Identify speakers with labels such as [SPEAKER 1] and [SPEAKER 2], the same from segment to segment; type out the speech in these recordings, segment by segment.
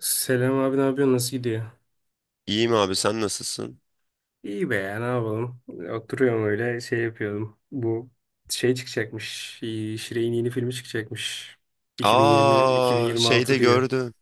[SPEAKER 1] Selam abi, ne yapıyorsun? Nasıl gidiyor?
[SPEAKER 2] İyiyim abi sen nasılsın?
[SPEAKER 1] İyi be ya, ne yapalım? Oturuyorum, öyle şey yapıyordum. Bu şey çıkacakmış. Şirek'in yeni filmi çıkacakmış. 2020
[SPEAKER 2] Aa
[SPEAKER 1] 2026
[SPEAKER 2] şeyde
[SPEAKER 1] diyor.
[SPEAKER 2] gördüm.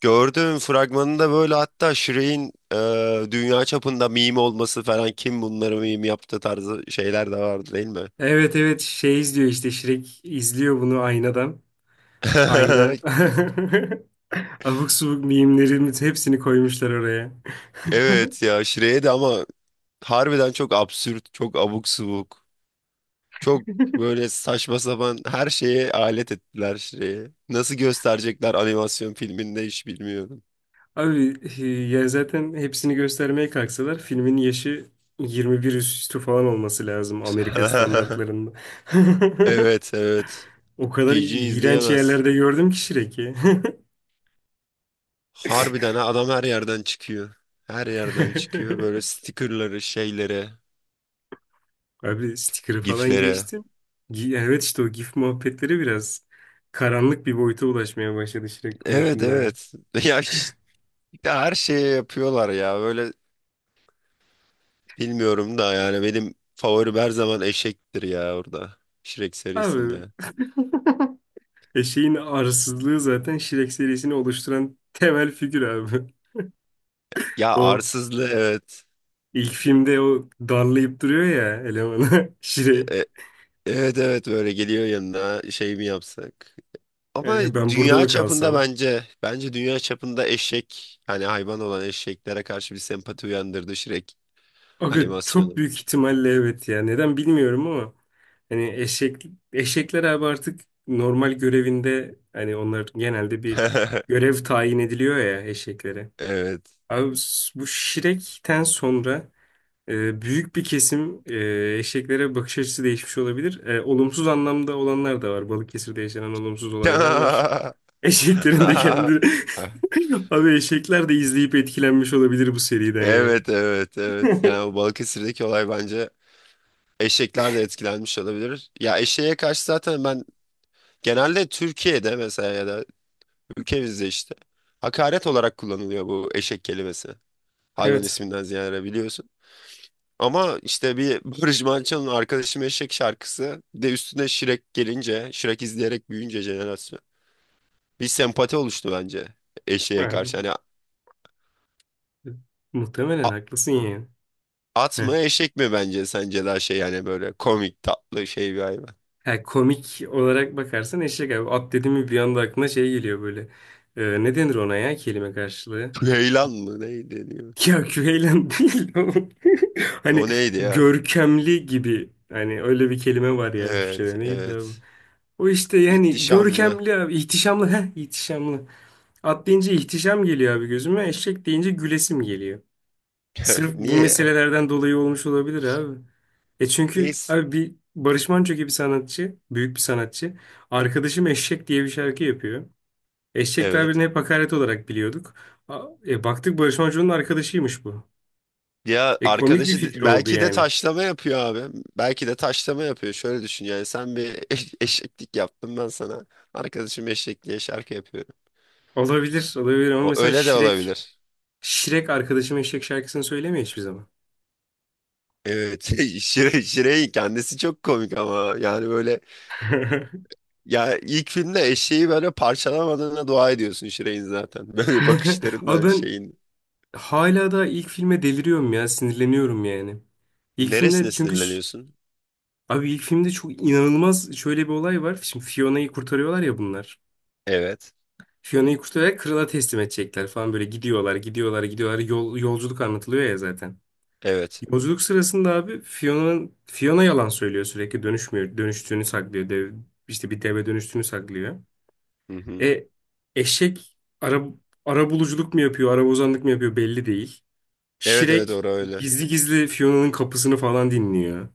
[SPEAKER 2] Gördüm fragmanında böyle hatta Shrek'in dünya çapında meme olması falan kim bunları meme yaptı tarzı şeyler de vardı değil mi?
[SPEAKER 1] Evet, evet şey izliyor işte, Şirek izliyor bunu aynadan. Ayna abuk subuk mimlerin hepsini koymuşlar oraya.
[SPEAKER 2] Evet ya Shrek'e de ama harbiden çok absürt, çok abuk subuk. Çok böyle saçma sapan her şeye alet ettiler Shrek'i. Nasıl gösterecekler animasyon filminde hiç bilmiyorum.
[SPEAKER 1] Abi, ya zaten hepsini göstermeye kalksalar filmin yaşı 21 üstü falan olması lazım, Amerika standartlarında.
[SPEAKER 2] Evet, evet.
[SPEAKER 1] O kadar
[SPEAKER 2] PG
[SPEAKER 1] iğrenç
[SPEAKER 2] izleyemez.
[SPEAKER 1] yerlerde gördüm ki Shrek'i.
[SPEAKER 2] Harbiden ha, adam her yerden çıkıyor. Her yerden çıkıyor. Böyle stickerları, şeylere,
[SPEAKER 1] Abi, sticker'ı falan
[SPEAKER 2] giflere.
[SPEAKER 1] geçtim. Evet, işte o GIF muhabbetleri biraz karanlık bir boyuta ulaşmaya başladı Shrek
[SPEAKER 2] Evet,
[SPEAKER 1] konusunda ya.
[SPEAKER 2] evet. Ya ya her şeye yapıyorlar ya. Böyle bilmiyorum da yani benim favorim her zaman eşektir ya orada. Shrek
[SPEAKER 1] Abi,
[SPEAKER 2] serisinde.
[SPEAKER 1] eşeğin arsızlığı zaten Shrek serisini oluşturan temel figür abi.
[SPEAKER 2] Ya
[SPEAKER 1] O
[SPEAKER 2] arsızlı evet.
[SPEAKER 1] ilk filmde o darlayıp duruyor ya elemanı Shrek.
[SPEAKER 2] E- evet, evet böyle geliyor yanına şey mi yapsak? Ama
[SPEAKER 1] Ben burada
[SPEAKER 2] dünya
[SPEAKER 1] mı
[SPEAKER 2] çapında
[SPEAKER 1] kalsam?
[SPEAKER 2] bence dünya çapında eşek hani hayvan olan eşeklere karşı bir sempati uyandırdı Shrek
[SPEAKER 1] Aga, çok
[SPEAKER 2] animasyonu.
[SPEAKER 1] büyük ihtimalle evet ya. Neden bilmiyorum ama hani eşekler abi artık normal görevinde, hani onlar genelde bir görev tayin ediliyor ya eşeklere.
[SPEAKER 2] Evet.
[SPEAKER 1] Abi, bu Şirek'ten sonra büyük bir kesim eşeklere bakış açısı değişmiş olabilir. Olumsuz anlamda olanlar da var. Balıkesir'de yaşanan olumsuz olaylar var. Eşeklerin de kendi abi eşekler de izleyip etkilenmiş olabilir bu seriden ya.
[SPEAKER 2] Evet, evet, evet. Yani o Balıkesir'deki olay bence eşekler de etkilenmiş olabilir. Ya eşeğe karşı zaten ben genelde Türkiye'de mesela ya da ülkemizde işte hakaret olarak kullanılıyor bu eşek kelimesi. Hayvan
[SPEAKER 1] Evet.
[SPEAKER 2] isminden ziyade biliyorsun. Ama işte bir Barış Manço'nun Arkadaşım Eşek şarkısı bir de üstüne Şirek gelince, Şirek izleyerek büyüyünce jenerasyon bir sempati oluştu bence eşeğe karşı.
[SPEAKER 1] Ha,
[SPEAKER 2] Hani
[SPEAKER 1] muhtemelen haklısın ya.
[SPEAKER 2] at
[SPEAKER 1] Heh.
[SPEAKER 2] mı eşek mi bence sence daha şey yani böyle komik tatlı şey bir hayvan.
[SPEAKER 1] Ha, komik olarak bakarsan eşek abi. At dedi mi bir anda aklına şey geliyor böyle. Ne denir ona ya, kelime karşılığı?
[SPEAKER 2] Ceylan mı neydi diyor.
[SPEAKER 1] Ya, küveylan değil o. Hani
[SPEAKER 2] O neydi ya?
[SPEAKER 1] görkemli gibi. Hani öyle bir kelime var ya
[SPEAKER 2] Evet,
[SPEAKER 1] Türkçe'de. Neydi abi?
[SPEAKER 2] evet.
[SPEAKER 1] O işte, yani
[SPEAKER 2] İhtişamlı.
[SPEAKER 1] görkemli abi. İhtişamlı. Heh, ihtişamlı. At deyince ihtişam geliyor abi gözüme. Eşek deyince gülesim geliyor. Sırf bu
[SPEAKER 2] Niye ya?
[SPEAKER 1] meselelerden dolayı olmuş olabilir abi. E çünkü
[SPEAKER 2] Neyse.
[SPEAKER 1] abi, bir Barış Manço gibi sanatçı, büyük bir sanatçı. Arkadaşım Eşek diye bir şarkı yapıyor. Eşek
[SPEAKER 2] Evet.
[SPEAKER 1] tabirini hep hakaret olarak biliyorduk. Baktık Barış Manço'nun arkadaşıymış bu.
[SPEAKER 2] Ya
[SPEAKER 1] E, komik bir
[SPEAKER 2] arkadaşı
[SPEAKER 1] fikir oldu
[SPEAKER 2] belki de
[SPEAKER 1] yani.
[SPEAKER 2] taşlama yapıyor abi. Belki de taşlama yapıyor. Şöyle düşün yani sen bir eşeklik yaptın ben sana. Arkadaşım eşek diye şarkı yapıyorum.
[SPEAKER 1] Olabilir, olabilir ama
[SPEAKER 2] O
[SPEAKER 1] mesela
[SPEAKER 2] öyle de olabilir.
[SPEAKER 1] Şirek arkadaşım Eşek şarkısını söylemiyor hiçbir zaman.
[SPEAKER 2] Evet. Şire'in kendisi çok komik ama yani böyle. Ya ilk filmde eşeği böyle parçalamadığına dua ediyorsun Şirey'in zaten. Böyle
[SPEAKER 1] Abi
[SPEAKER 2] bakışlarından
[SPEAKER 1] ben
[SPEAKER 2] şeyin.
[SPEAKER 1] hala da ilk filme deliriyorum ya, sinirleniyorum yani. İlk filmler
[SPEAKER 2] Neresine
[SPEAKER 1] çünkü.
[SPEAKER 2] sinirleniyorsun?
[SPEAKER 1] Abi ilk filmde çok inanılmaz şöyle bir olay var. Şimdi Fiona'yı kurtarıyorlar ya bunlar.
[SPEAKER 2] Evet.
[SPEAKER 1] Fiona'yı kurtararak krala teslim edecekler falan, böyle gidiyorlar, gidiyorlar, gidiyorlar. Yolculuk anlatılıyor ya zaten.
[SPEAKER 2] Evet.
[SPEAKER 1] Yolculuk sırasında abi Fiona yalan söylüyor sürekli, dönüşmüyor, dönüştüğünü saklıyor. Dev, işte bir deve dönüştüğünü saklıyor.
[SPEAKER 2] Hı hı.
[SPEAKER 1] E eşek ara buluculuk mu yapıyor, ara bozanlık mı yapıyor belli değil.
[SPEAKER 2] Evet, evet
[SPEAKER 1] Şirek
[SPEAKER 2] orası öyle.
[SPEAKER 1] gizli gizli Fiona'nın kapısını falan dinliyor.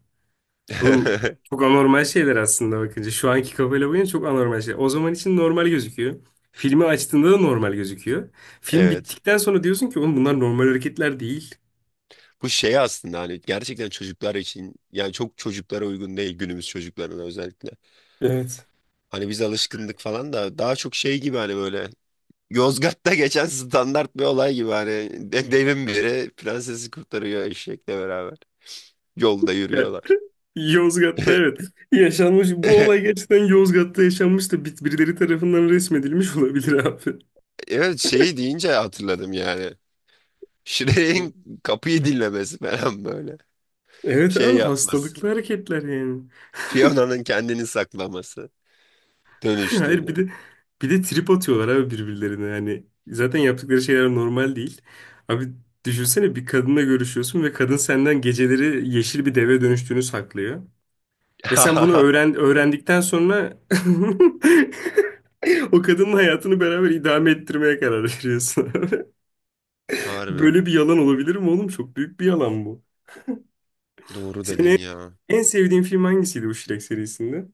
[SPEAKER 1] Oğlum çok anormal şeyler aslında bakınca. Şu anki kafayla bakınca çok anormal şeyler. O zaman için normal gözüküyor. Filmi açtığında da normal gözüküyor. Film
[SPEAKER 2] Evet.
[SPEAKER 1] bittikten sonra diyorsun ki oğlum, bunlar normal hareketler değil.
[SPEAKER 2] Bu şey aslında hani gerçekten çocuklar için yani çok çocuklara uygun değil günümüz çocuklarına özellikle.
[SPEAKER 1] Evet.
[SPEAKER 2] Hani biz alışkındık falan da daha çok şey gibi hani böyle Yozgat'ta geçen standart bir olay gibi hani devin biri prensesi kurtarıyor eşekle beraber. Yolda
[SPEAKER 1] Ya,
[SPEAKER 2] yürüyorlar.
[SPEAKER 1] Yozgat'ta evet. Yaşanmış. Bu olay gerçekten Yozgat'ta yaşanmış da birileri tarafından resmedilmiş olabilir abi.
[SPEAKER 2] Evet şeyi deyince hatırladım yani.
[SPEAKER 1] Evet,
[SPEAKER 2] Shrek'in kapıyı dinlemesi falan böyle.
[SPEAKER 1] evet
[SPEAKER 2] Şey
[SPEAKER 1] abi
[SPEAKER 2] yapması.
[SPEAKER 1] hastalıklı hareketler yani.
[SPEAKER 2] Fiona'nın kendini saklaması.
[SPEAKER 1] Hayır,
[SPEAKER 2] Dönüştüğünü.
[SPEAKER 1] bir de trip atıyorlar abi birbirlerine yani, zaten yaptıkları şeyler normal değil. Abi düşünsene, bir kadınla görüşüyorsun ve kadın senden geceleri yeşil bir deve dönüştüğünü saklıyor. Ve sen bunu öğrendikten sonra o kadının hayatını beraber idame ettirmeye karar veriyorsun.
[SPEAKER 2] Harbi.
[SPEAKER 1] Böyle bir yalan olabilir mi oğlum? Çok büyük bir yalan bu.
[SPEAKER 2] Doğru
[SPEAKER 1] Senin
[SPEAKER 2] dedin ya.
[SPEAKER 1] en sevdiğin film hangisiydi bu Shrek serisinde?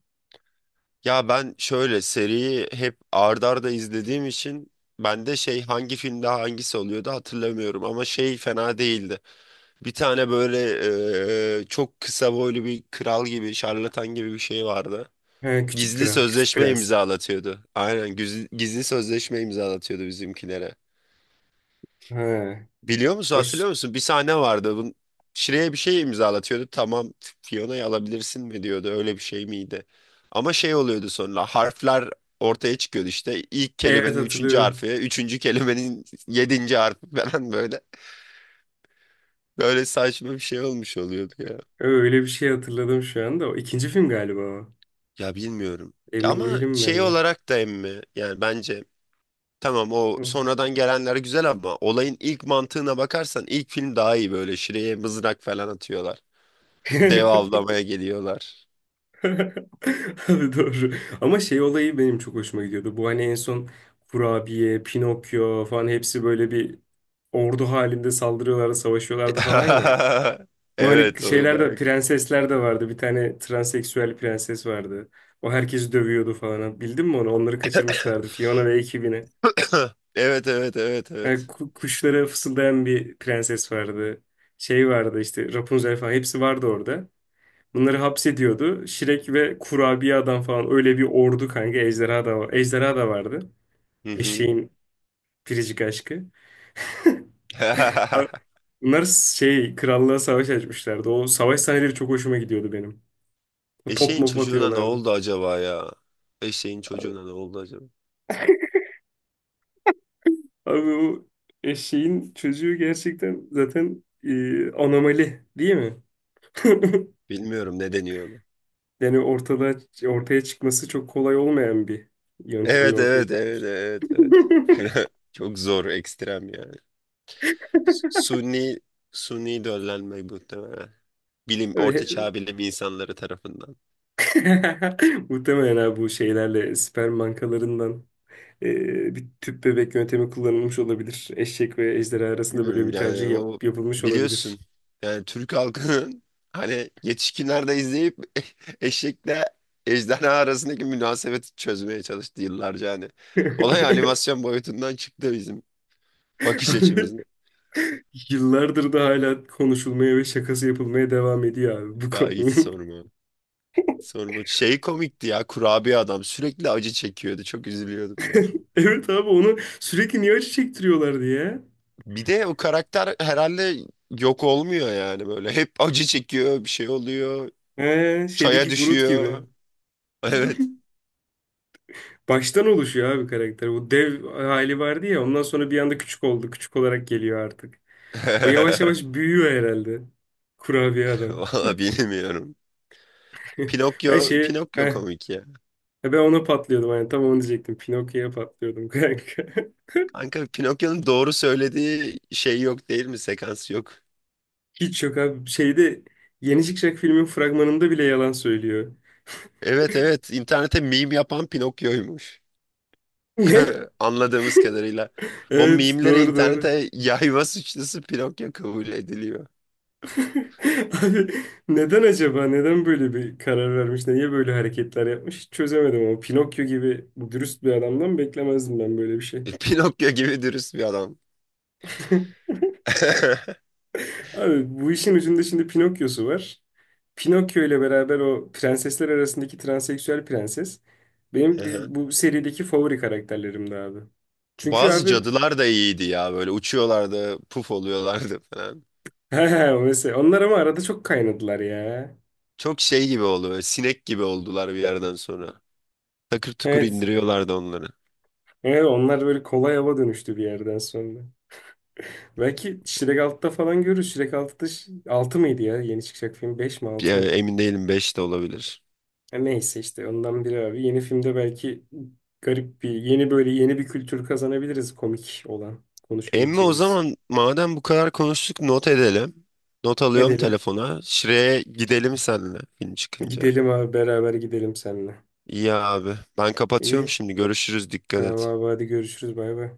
[SPEAKER 2] Ya ben şöyle seriyi hep ard arda izlediğim için ben de şey hangi filmde hangisi oluyordu hatırlamıyorum ama şey fena değildi. Bir tane böyle çok kısa boylu bir kral gibi şarlatan gibi bir şey vardı.
[SPEAKER 1] Ha, Küçük
[SPEAKER 2] Gizli
[SPEAKER 1] Kral, Küçük
[SPEAKER 2] sözleşme
[SPEAKER 1] Prens.
[SPEAKER 2] imzalatıyordu. Aynen gizli sözleşme imzalatıyordu bizimkilere.
[SPEAKER 1] Ha,
[SPEAKER 2] Biliyor musun, hatırlıyor
[SPEAKER 1] hoş.
[SPEAKER 2] musun? Bir sahne vardı. Şire'ye bir şey imzalatıyordu. Tamam Fiona'yı alabilirsin mi diyordu. Öyle bir şey miydi? Ama şey oluyordu sonra harfler ortaya çıkıyordu işte. İlk
[SPEAKER 1] Evet,
[SPEAKER 2] kelimenin üçüncü
[SPEAKER 1] hatırlıyorum.
[SPEAKER 2] harfi, üçüncü kelimenin yedinci harfi falan böyle. Böyle saçma bir şey olmuş oluyordu ya.
[SPEAKER 1] Öyle bir şey hatırladım şu anda. O ikinci film galiba o.
[SPEAKER 2] Ya bilmiyorum.
[SPEAKER 1] Emin
[SPEAKER 2] Ama
[SPEAKER 1] değilim
[SPEAKER 2] şey
[SPEAKER 1] ben de.
[SPEAKER 2] olarak da emmi yani bence. Tamam o
[SPEAKER 1] Hı.
[SPEAKER 2] sonradan gelenler güzel ama olayın ilk mantığına bakarsan ilk film daha iyi böyle şuraya mızrak falan atıyorlar. Dev avlamaya geliyorlar.
[SPEAKER 1] Abi doğru. Ama şey olayı benim çok hoşuma gidiyordu. Bu hani en son Kurabiye, Pinokyo falan hepsi böyle bir ordu halinde saldırıyorlardı, savaşıyorlardı falan ya. Bu hani
[SPEAKER 2] Evet o
[SPEAKER 1] şeyler de,
[SPEAKER 2] bayağı.
[SPEAKER 1] prensesler de vardı. Bir tane transseksüel prenses vardı. O herkesi dövüyordu falan. Bildin mi onu? Onları kaçırmışlardı, Fiona ve ekibini.
[SPEAKER 2] Evet, evet, evet,
[SPEAKER 1] E,
[SPEAKER 2] evet.
[SPEAKER 1] ku- kuşlara fısıldayan bir prenses vardı. Şey vardı işte, Rapunzel falan hepsi vardı orada. Bunları hapsediyordu. Şirek ve kurabiye adam falan, öyle bir ordu kanka. Ejderha da, ejderha da vardı. Evet.
[SPEAKER 2] Hı hı.
[SPEAKER 1] Eşeğin biricik aşkı. A- Bunlar şey krallığa savaş açmışlardı. O savaş sahneleri çok hoşuma gidiyordu benim. O top
[SPEAKER 2] Eşeğin
[SPEAKER 1] mop
[SPEAKER 2] çocuğuna ne
[SPEAKER 1] atıyorlardı.
[SPEAKER 2] oldu acaba ya? Eşeğin çocuğuna ne oldu acaba?
[SPEAKER 1] Abi o eşeğin çocuğu gerçekten zaten anomali değil mi?
[SPEAKER 2] Bilmiyorum ne deniyor ona.
[SPEAKER 1] Yani ortaya çıkması çok kolay olmayan bir yöntemle
[SPEAKER 2] Evet,
[SPEAKER 1] ortaya
[SPEAKER 2] evet, evet, evet, evet. Çok zor ekstrem yani. Sunni Sunni döllenmek muhtemelen. Bilim, orta
[SPEAKER 1] ve
[SPEAKER 2] çağ bilim insanları tarafından.
[SPEAKER 1] muhtemelen abi bu şeylerle sperm bankalarından bir tüp bebek yöntemi kullanılmış olabilir. Eşek ve ejderha arasında böyle
[SPEAKER 2] Bilmiyorum
[SPEAKER 1] bir tercih
[SPEAKER 2] yani o
[SPEAKER 1] yapılmış
[SPEAKER 2] biliyorsun
[SPEAKER 1] olabilir.
[SPEAKER 2] yani Türk halkının hani yetişkinlerde izleyip eşekle ejderha arasındaki münasebeti çözmeye çalıştı yıllarca hani. Olay animasyon boyutundan çıktı bizim bakış
[SPEAKER 1] Abi,
[SPEAKER 2] açımızda.
[SPEAKER 1] yıllardır da hala konuşulmaya ve şakası yapılmaya devam ediyor abi bu
[SPEAKER 2] Ya hiç
[SPEAKER 1] konu.
[SPEAKER 2] sorma. Sorma. Şey komikti ya kurabiye adam sürekli acı çekiyordu. Çok üzülüyordum ya.
[SPEAKER 1] Evet abi, onu sürekli niye acı çektiriyorlardı ya?
[SPEAKER 2] Bir de o karakter herhalde yok olmuyor yani böyle. Hep acı çekiyor, bir şey oluyor,
[SPEAKER 1] He,
[SPEAKER 2] çaya
[SPEAKER 1] şeydeki Groot gibi.
[SPEAKER 2] düşüyor. Evet.
[SPEAKER 1] Baştan oluşuyor abi karakter. O dev hali vardı ya, ondan sonra bir anda küçük oldu. Küçük olarak geliyor artık. O yavaş yavaş büyüyor herhalde. Kurabiye adam.
[SPEAKER 2] Valla bilmiyorum.
[SPEAKER 1] Ben şey
[SPEAKER 2] Pinokyo
[SPEAKER 1] heh,
[SPEAKER 2] komik ya.
[SPEAKER 1] e, ben ona patlıyordum yani, tam onu diyecektim. Pinokyo'ya patlıyordum kanka.
[SPEAKER 2] Kanka Pinokyo'nun doğru söylediği şey yok değil mi? Sekans yok.
[SPEAKER 1] Hiç yok abi. Şeyde. Yeni çıkacak filmin fragmanında bile yalan söylüyor.
[SPEAKER 2] Evet, evet internete meme yapan Pinokyo'ymuş.
[SPEAKER 1] Ne?
[SPEAKER 2] Anladığımız kadarıyla. O
[SPEAKER 1] Evet,
[SPEAKER 2] meme'lere
[SPEAKER 1] doğru doğru.
[SPEAKER 2] internete yayma suçlusu Pinokyo kabul ediliyor.
[SPEAKER 1] Abi neden acaba? Neden böyle bir karar vermiş? Niye böyle hareketler yapmış? Hiç çözemedim ama Pinokyo gibi dürüst bir adamdan beklemezdim ben böyle bir şey.
[SPEAKER 2] Pinokyo gibi dürüst bir adam.
[SPEAKER 1] Abi, bu işin ucunda şimdi Pinokyo'su var. Pinokyo ile beraber o prensesler arasındaki transseksüel prenses
[SPEAKER 2] Hı
[SPEAKER 1] benim
[SPEAKER 2] hı.
[SPEAKER 1] bu serideki favori karakterlerimdi abi. Çünkü
[SPEAKER 2] Bazı
[SPEAKER 1] abi
[SPEAKER 2] cadılar da iyiydi ya böyle uçuyorlardı, puf oluyorlardı falan.
[SPEAKER 1] he, mesela onlar ama arada çok kaynadılar ya.
[SPEAKER 2] Çok şey gibi oluyor, sinek gibi oldular bir yerden sonra. Takır tukur
[SPEAKER 1] Evet.
[SPEAKER 2] indiriyorlardı onları.
[SPEAKER 1] Evet onlar böyle kolay hava dönüştü bir yerden sonra. Belki Shrek 6'da falan görürüz. Shrek 6'da 6 mıydı ya? Yeni çıkacak film 5 mi 6
[SPEAKER 2] Ya,
[SPEAKER 1] mı?
[SPEAKER 2] emin değilim 5 de olabilir.
[SPEAKER 1] Ha, neyse işte ondan biri abi. Yeni filmde belki garip bir yeni böyle yeni bir kültür kazanabiliriz, komik olan
[SPEAKER 2] Emmi o
[SPEAKER 1] konuşabileceğimiz.
[SPEAKER 2] zaman madem bu kadar konuştuk not edelim. Not alıyorum
[SPEAKER 1] Edelim.
[SPEAKER 2] telefona. Şire'ye gidelim seninle film çıkınca.
[SPEAKER 1] Gidelim abi, beraber gidelim seninle.
[SPEAKER 2] İyi abi. Ben kapatıyorum
[SPEAKER 1] İyi.
[SPEAKER 2] şimdi. Görüşürüz. Dikkat
[SPEAKER 1] Tamam
[SPEAKER 2] et.
[SPEAKER 1] abi, hadi görüşürüz, bay bay.